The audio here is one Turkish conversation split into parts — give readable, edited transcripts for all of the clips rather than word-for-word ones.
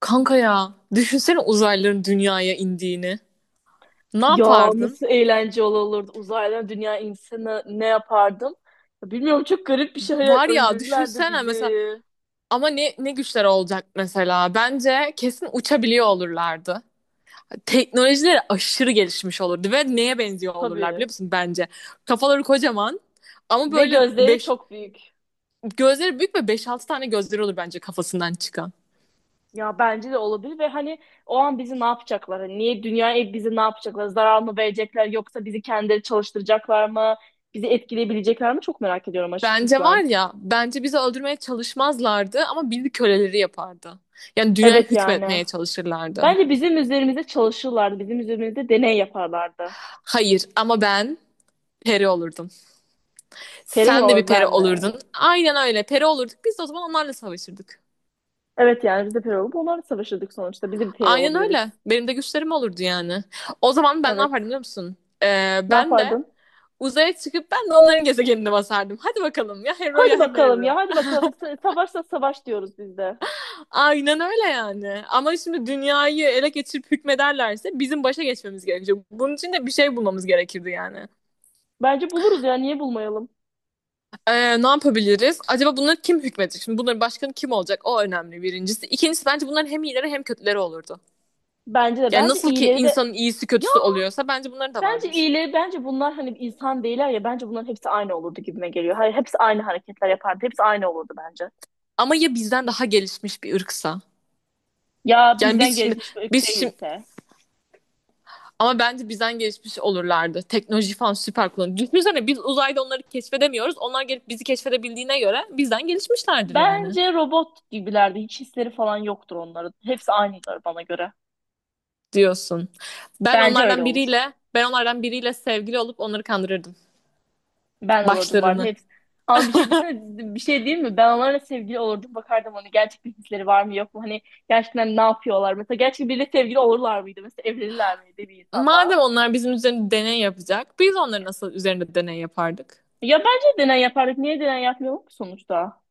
Kanka ya düşünsene uzaylıların dünyaya indiğini. Ne Ya yapardın? nasıl eğlence olurdu uzaylı dünya insanı ne yapardım? Ya bilmiyorum çok garip bir şey Var ya öldürürlerdi düşünsene bizi. mesela ama ne güçler olacak mesela? Bence kesin uçabiliyor olurlardı. Teknolojileri aşırı gelişmiş olurdu ve neye benziyor olurlar Tabii. biliyor musun bence? Kafaları kocaman ama Ve böyle gözleri beş çok büyük. gözleri büyük ve beş altı tane gözleri olur bence kafasından çıkan. Ya bence de olabilir ve hani o an bizi ne yapacaklar? Hani niye dünyaya bizi ne yapacaklar? Zarar mı verecekler yoksa bizi kendileri çalıştıracaklar mı? Bizi etkileyebilecekler mi? Çok merak ediyorum açıkçası Bence var ben. ya bence bizi öldürmeye çalışmazlardı ama bizi köleleri yapardı. Yani dünyayı Evet yani. hükmetmeye çalışırlardı. Bence bizim üzerimizde çalışırlardı. Bizim üzerimizde deney yaparlardı. Hayır ama ben peri olurdum. Peri mi Sen de bir olur peri ben de? olurdun. Aynen öyle. Peri olurduk. Biz de o zaman onlarla savaşırdık. Evet yani biz de peri olup onlarla savaşırdık sonuçta. Biz de bir peri Aynen öyle. olabiliriz. Benim de güçlerim olurdu yani. O zaman ben ne Evet. yapardım biliyor musun? Ee, Ne ben de yapardın? uzaya çıkıp ben de onların gezegenine basardım. Hadi bakalım ya Hero ya Hadi bakalım ya Hemero. hadi bakalım. Savaşsa savaş diyoruz biz de. Aynen öyle yani. Ama şimdi dünyayı ele geçirip hükmederlerse bizim başa geçmemiz gerekecek. Bunun için de bir şey bulmamız gerekirdi yani. Bence buluruz ya niye bulmayalım? Ne yapabiliriz? Acaba bunları kim hükmedecek? Şimdi bunların başkanı kim olacak? O önemli birincisi. İkincisi bence bunların hem iyileri hem kötüleri olurdu. Bence de Yani bence nasıl ki iyileri de insanın iyisi ya kötüsü oluyorsa bence bunların da bence vardır. iyileri bence bunlar hani insan değiller ya bence bunların hepsi aynı olurdu gibime geliyor. Hayır hepsi aynı hareketler yapardı. Hepsi aynı olurdu bence. Ama ya bizden daha gelişmiş bir ırksa? Ya Yani biz bizden şimdi gelişmiş bir ırk biz şimdi değilse. ama bence bizden gelişmiş olurlardı. Teknoloji falan süper kullanıyor. Düşünsene biz uzayda onları keşfedemiyoruz. Onlar gelip bizi keşfedebildiğine göre bizden gelişmişlerdir yani Bence robot gibilerdi. Hiç hisleri falan yoktur onların. Hepsi aynıdır bana göre. diyorsun. Ben Bence öyle onlardan olur. biriyle ben onlardan biriyle sevgili olup onları kandırırdım. Ben de olurdum bu arada Başlarını. hepsi. Ama bir şey desene, bir şey değil mi? Ben onlarla sevgili olurdum. Bakardım hani gerçekten hisleri var mı yok mu? Hani gerçekten ne yapıyorlar? Mesela gerçekten biriyle sevgili olurlar mıydı? Mesela evlenirler miydi bir insanla? Madem onlar bizim üzerinde deney yapacak, biz onların nasıl üzerinde deney yapardık? Ya bence deney yapardık. Niye deney yapmıyorum ki sonuçta?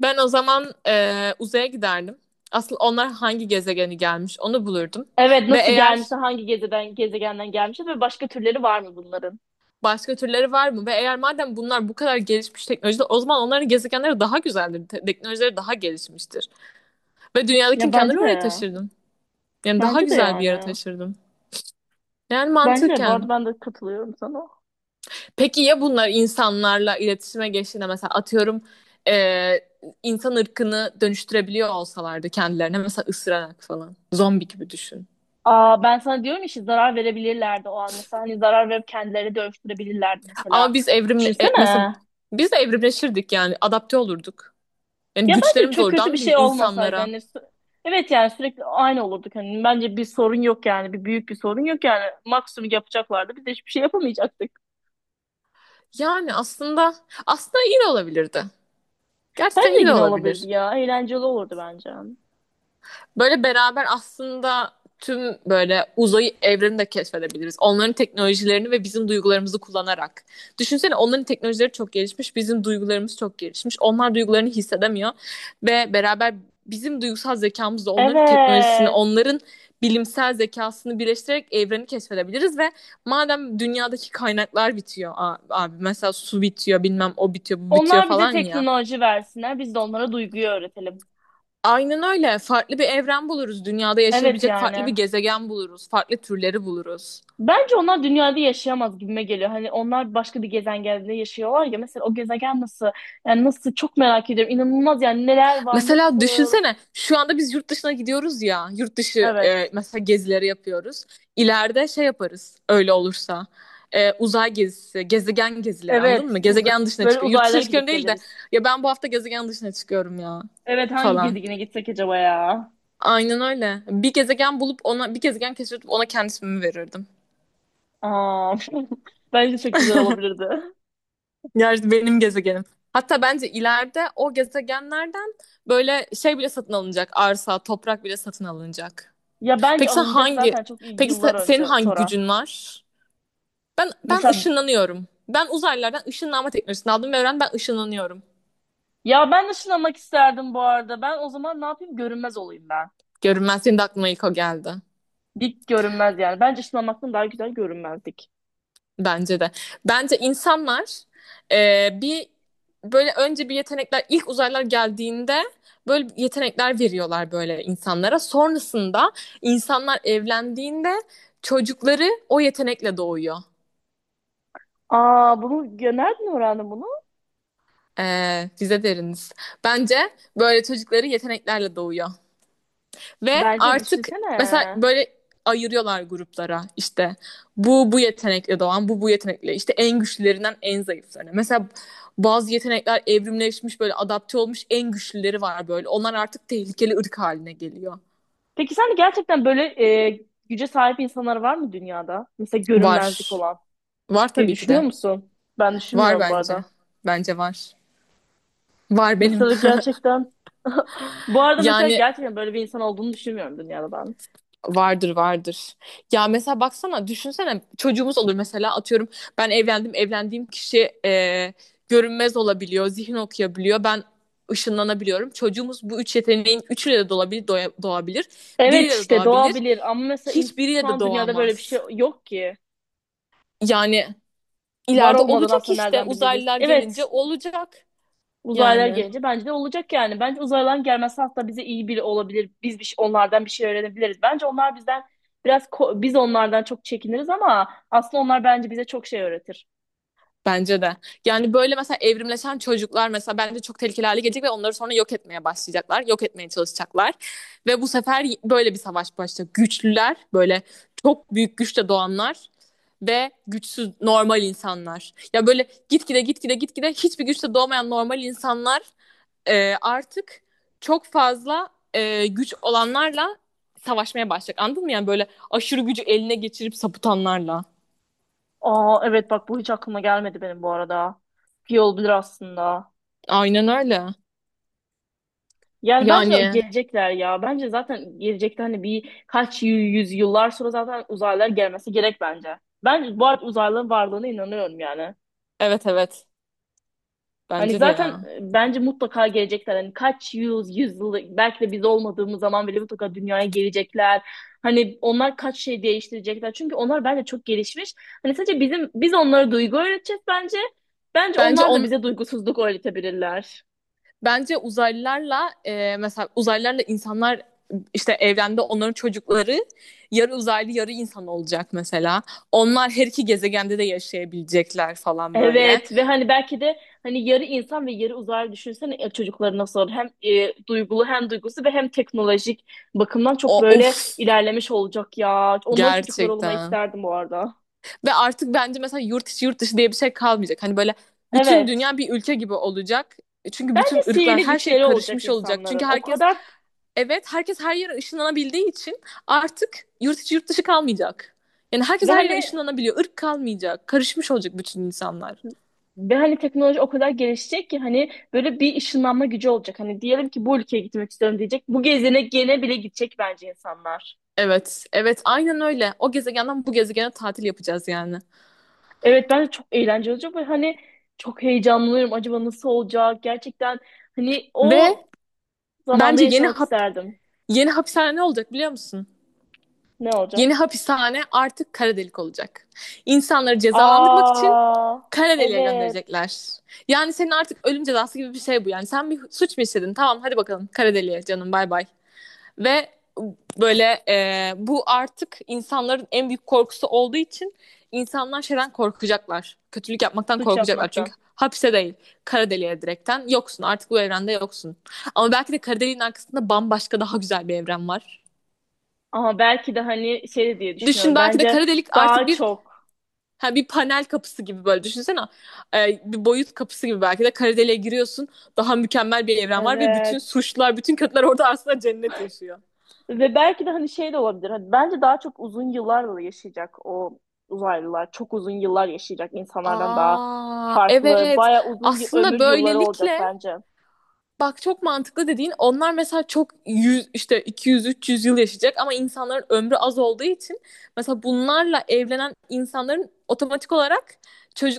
Ben o zaman uzaya giderdim. Asıl onlar hangi gezegeni gelmiş onu bulurdum. Evet Ve nasıl eğer gelmişse hangi gezegenden gelmiş ve başka türleri var mı bunların? başka türleri var mı? Ve eğer madem bunlar bu kadar gelişmiş teknolojide o zaman onların gezegenleri daha güzeldir. Teknolojileri daha gelişmiştir. Ve Ya dünyadaki bence imkanları oraya de. taşırdım. Yani daha Bence de güzel bir yere yani. taşırdım. Yani Bence de. Bu mantıken. arada ben de katılıyorum sana. Peki ya bunlar insanlarla iletişime geçtiğinde mesela atıyorum eee, insan ırkını dönüştürebiliyor olsalardı kendilerine mesela ısırarak falan. Zombi gibi düşün. Aa, ben sana diyorum işte zarar verebilirlerdi o an. Mesela hani zarar verip kendileri dönüştürebilirlerdi mesela. Ama biz evrimle, mesela Düşünsene. biz de evrimleşirdik yani adapte olurduk. Yani Ya bence güçlerimiz çok olurdu kötü bir anladın mı şey olmasaydı. insanlara? Hani evet yani sürekli aynı olurduk. Hani bence bir sorun yok yani. Bir büyük bir sorun yok yani. Maksimum yapacaklardı. Biz de hiçbir şey yapamayacaktık. Yani aslında iyi de olabilirdi. Gerçekten Bence iyi de yine olabilirdi olabilir. ya. Eğlenceli olurdu bence. Böyle beraber aslında tüm böyle uzayı evreni de keşfedebiliriz. Onların teknolojilerini ve bizim duygularımızı kullanarak. Düşünsene onların teknolojileri çok gelişmiş, bizim duygularımız çok gelişmiş. Onlar duygularını hissedemiyor ve beraber bizim duygusal zekamızla onların teknolojisini, Evet. onların bilimsel zekasını birleştirerek evreni keşfedebiliriz ve madem dünyadaki kaynaklar bitiyor abi mesela su bitiyor bilmem o bitiyor bu bitiyor Onlar bize falan ya. teknoloji versinler. Biz de onlara duyguyu öğretelim. Aynen öyle. Farklı bir evren buluruz. Dünyada Evet yaşayabilecek farklı bir yani. gezegen buluruz. Farklı türleri buluruz. Bence onlar dünyada yaşayamaz gibime geliyor. Hani onlar başka bir gezegende yaşıyorlar ya. Mesela o gezegen nasıl? Yani nasıl çok merak ediyorum. İnanılmaz yani neler var, Mesela nasıl? düşünsene şu anda biz yurt dışına gidiyoruz ya. Yurt dışı Evet. e, mesela gezileri yapıyoruz. İleride şey yaparız öyle olursa. Uzay gezisi, gezegen gezileri anladın Evet. mı? Gezegen dışına Böyle çıkıyor. Yurt dışına uzaylara çıkıyorum gidip değil de geliriz. ya ben bu hafta gezegen dışına çıkıyorum ya Evet hangi falan. gezegene gitsek acaba ya? Aynen öyle. Bir gezegen bulup ona bir gezegen keşfedip ona kendisimi verirdim. Aa, bence çok güzel olabilirdi. Yer benim gezegenim. Hatta bence ileride o gezegenlerden böyle şey bile satın alınacak. Arsa, toprak bile satın alınacak. Ya bence Peki sen alınacak hangi zaten çok iyi Peki yıllar se- senin önce hangi sonra. gücün var? Ben Mesela ışınlanıyorum. Ben uzaylılardan ışınlanma teknolojisini aldım ve öğrendim ben ışınlanıyorum. ya ben ışınlanmak isterdim bu arada. Ben o zaman ne yapayım? Görünmez olayım ben. Görünmez senin de aklıma ilk o geldi. Dik görünmez yani. Bence ışınlanmaktan daha güzel görünmezdik. Bence de. Bence insanlar, bir böyle önce bir yetenekler ilk uzaylılar geldiğinde böyle yetenekler veriyorlar böyle insanlara. Sonrasında insanlar evlendiğinde çocukları o yetenekle doğuyor. Aa bunu ya nereden öğrendin bunu? E, bize deriniz. Bence böyle çocukları yeteneklerle doğuyor. Ve Bence artık mesela düşünsene. böyle ayırıyorlar gruplara işte bu yetenekle doğan bu yetenekle işte en güçlülerinden en zayıflarına. Mesela bazı yetenekler evrimleşmiş böyle adapte olmuş en güçlüleri var böyle. Onlar artık tehlikeli ırk haline geliyor. Peki sen de gerçekten böyle güce sahip insanlar var mı dünyada? Mesela görünmezlik Var. olan Var diye tabii ki düşünüyor de. musun? Ben Var düşünmüyorum bu bence. arada. Bence var. Var benim. Mesela gerçekten bu arada mesela Yani gerçekten böyle bir insan olduğunu düşünmüyorum dünyada ben. vardır vardır. Ya mesela baksana düşünsene çocuğumuz olur mesela atıyorum ben evlendim evlendiğim kişi, görünmez olabiliyor zihin okuyabiliyor ben ışınlanabiliyorum. Çocuğumuz bu üç yeteneğin üçüyle de doğabilir, doğabilir Evet biriyle de işte doğabilir doğa bilir ama mesela şu hiçbiriyle de an dünyada böyle bir doğamaz. şey yok ki. Yani Var ileride olmadan olacak aslında işte nereden biliriz? uzaylılar gelince Evet olacak uzaylılar yani. gelince bence de olacak yani. Bence uzaylıların gelmesi hatta bize iyi biri olabilir. Biz onlardan bir şey öğrenebiliriz. Bence onlar bizden biraz biz onlardan çok çekiniriz ama aslında onlar bence bize çok şey öğretir. Bence de. Yani böyle mesela evrimleşen çocuklar mesela bence çok tehlikeli hale gelecek ve onları sonra yok etmeye başlayacaklar. Yok etmeye çalışacaklar. Ve bu sefer böyle bir savaş başlayacak. Güçlüler, böyle çok büyük güçle doğanlar ve güçsüz normal insanlar. Ya böyle gitgide gitgide gitgide hiçbir güçle doğmayan normal insanlar, artık çok fazla, güç olanlarla savaşmaya başlayacak. Anladın mı? Yani böyle aşırı gücü eline geçirip sapıtanlarla. Aa evet bak bu hiç aklıma gelmedi benim bu arada. İyi olabilir aslında. Aynen öyle. Yani bence de Yani gelecekler ya. Bence zaten gelecekte hani bir kaç yüz yıllar sonra zaten uzaylılar gelmesi gerek bence. Ben bu arada uzaylıların varlığına inanıyorum yani. evet, evet. Hani Bence de zaten ya. Bence mutlaka gelecekler. Hani kaç yüz, yüz yıl belki de biz olmadığımız zaman bile mutlaka dünyaya gelecekler. Hani onlar kaç şey değiştirecekler. Çünkü onlar bence çok gelişmiş. Hani sadece bizim biz onlara duygu öğreteceğiz bence. Bence Bence onlar da on bize duygusuzluk öğretebilirler. bence uzaylılarla, mesela uzaylılarla insanlar işte evrende onların çocukları yarı uzaylı yarı insan olacak mesela. Onlar her iki gezegende de yaşayabilecekler falan böyle. Evet ve hani belki de hani yarı insan ve yarı uzaylı düşünsene çocukları nasıl olur? Hem duygulu hem duygusu ve hem teknolojik bakımdan çok O of böyle ilerlemiş olacak ya. Onların çocukları olmayı gerçekten. isterdim bu arada. Ve artık bence mesela yurt içi yurt dışı diye bir şey kalmayacak. Hani böyle bütün Evet. dünya bir ülke gibi olacak. Çünkü bütün Bence ırklar sihirli her şey güçleri olacak karışmış olacak. Çünkü insanların. O herkes kadar evet herkes her yere ışınlanabildiği için artık yurt içi yurt dışı kalmayacak. Yani herkes ve her yere hani ışınlanabiliyor. Irk kalmayacak. Karışmış olacak bütün insanlar. ve hani teknoloji o kadar gelişecek ki hani böyle bir ışınlanma gücü olacak. Hani diyelim ki bu ülkeye gitmek istiyorum diyecek. Bu gezene gene bile gidecek bence insanlar. Evet, evet aynen öyle. O gezegenden bu gezegene tatil yapacağız yani. Evet ben de çok eğlenceli olacak ve hani çok heyecanlıyım. Acaba nasıl olacak? Gerçekten hani o Ve zamanda bence yaşamak isterdim. yeni hapishane ne olacak biliyor musun? Ne Yeni olacak? hapishane artık kara delik olacak. İnsanları cezalandırmak için Aa kara deliğe evet gönderecekler. Yani senin artık ölüm cezası gibi bir şey bu. Yani sen bir suç mu işledin? Tamam hadi bakalım kara deliğe canım bay bay. Ve böyle, bu artık insanların en büyük korkusu olduğu için insanlar şeyden korkacaklar. Kötülük yapmaktan suç korkacaklar. yapmaktan. Çünkü hapse değil kara deliğe direkten yoksun artık bu evrende yoksun. Ama belki de kara deliğin arkasında bambaşka daha güzel bir evren var. Ama belki de hani şey de diye Düşün düşünüyorum. belki de Bence kara delik artık daha bir çok ha bir panel kapısı gibi böyle düşünsene. Bir boyut kapısı gibi belki de Karadeli'ye giriyorsun. Daha mükemmel bir evren var ve bütün evet suçlar, bütün kötüler orada aslında cennet yaşıyor. ve belki de hani şey de olabilir. Hani bence daha çok uzun yıllarla yaşayacak o uzaylılar. Çok uzun yıllar yaşayacak insanlardan daha Aa, farklı. evet. Baya uzun Aslında ömür yılları olacak böylelikle bence. bak çok mantıklı dediğin onlar mesela çok 100 işte 200 300 yıl yaşayacak ama insanların ömrü az olduğu için mesela bunlarla evlenen insanların otomatik olarak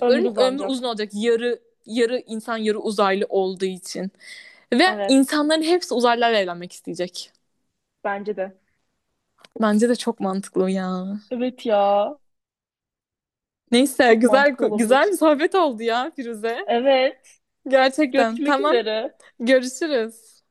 Ömür ömrü uzun uzanacak. olacak. Yarı insan yarı uzaylı olduğu için. Ve Evet. insanların hepsi uzaylılarla evlenmek isteyecek. Bence de. Bence de çok mantıklı ya. Evet ya. Neyse Çok güzel mantıklı güzel olabilir. bir sohbet oldu ya Firuze. Evet. Gerçekten. Görüşmek Tamam. üzere. Görüşürüz.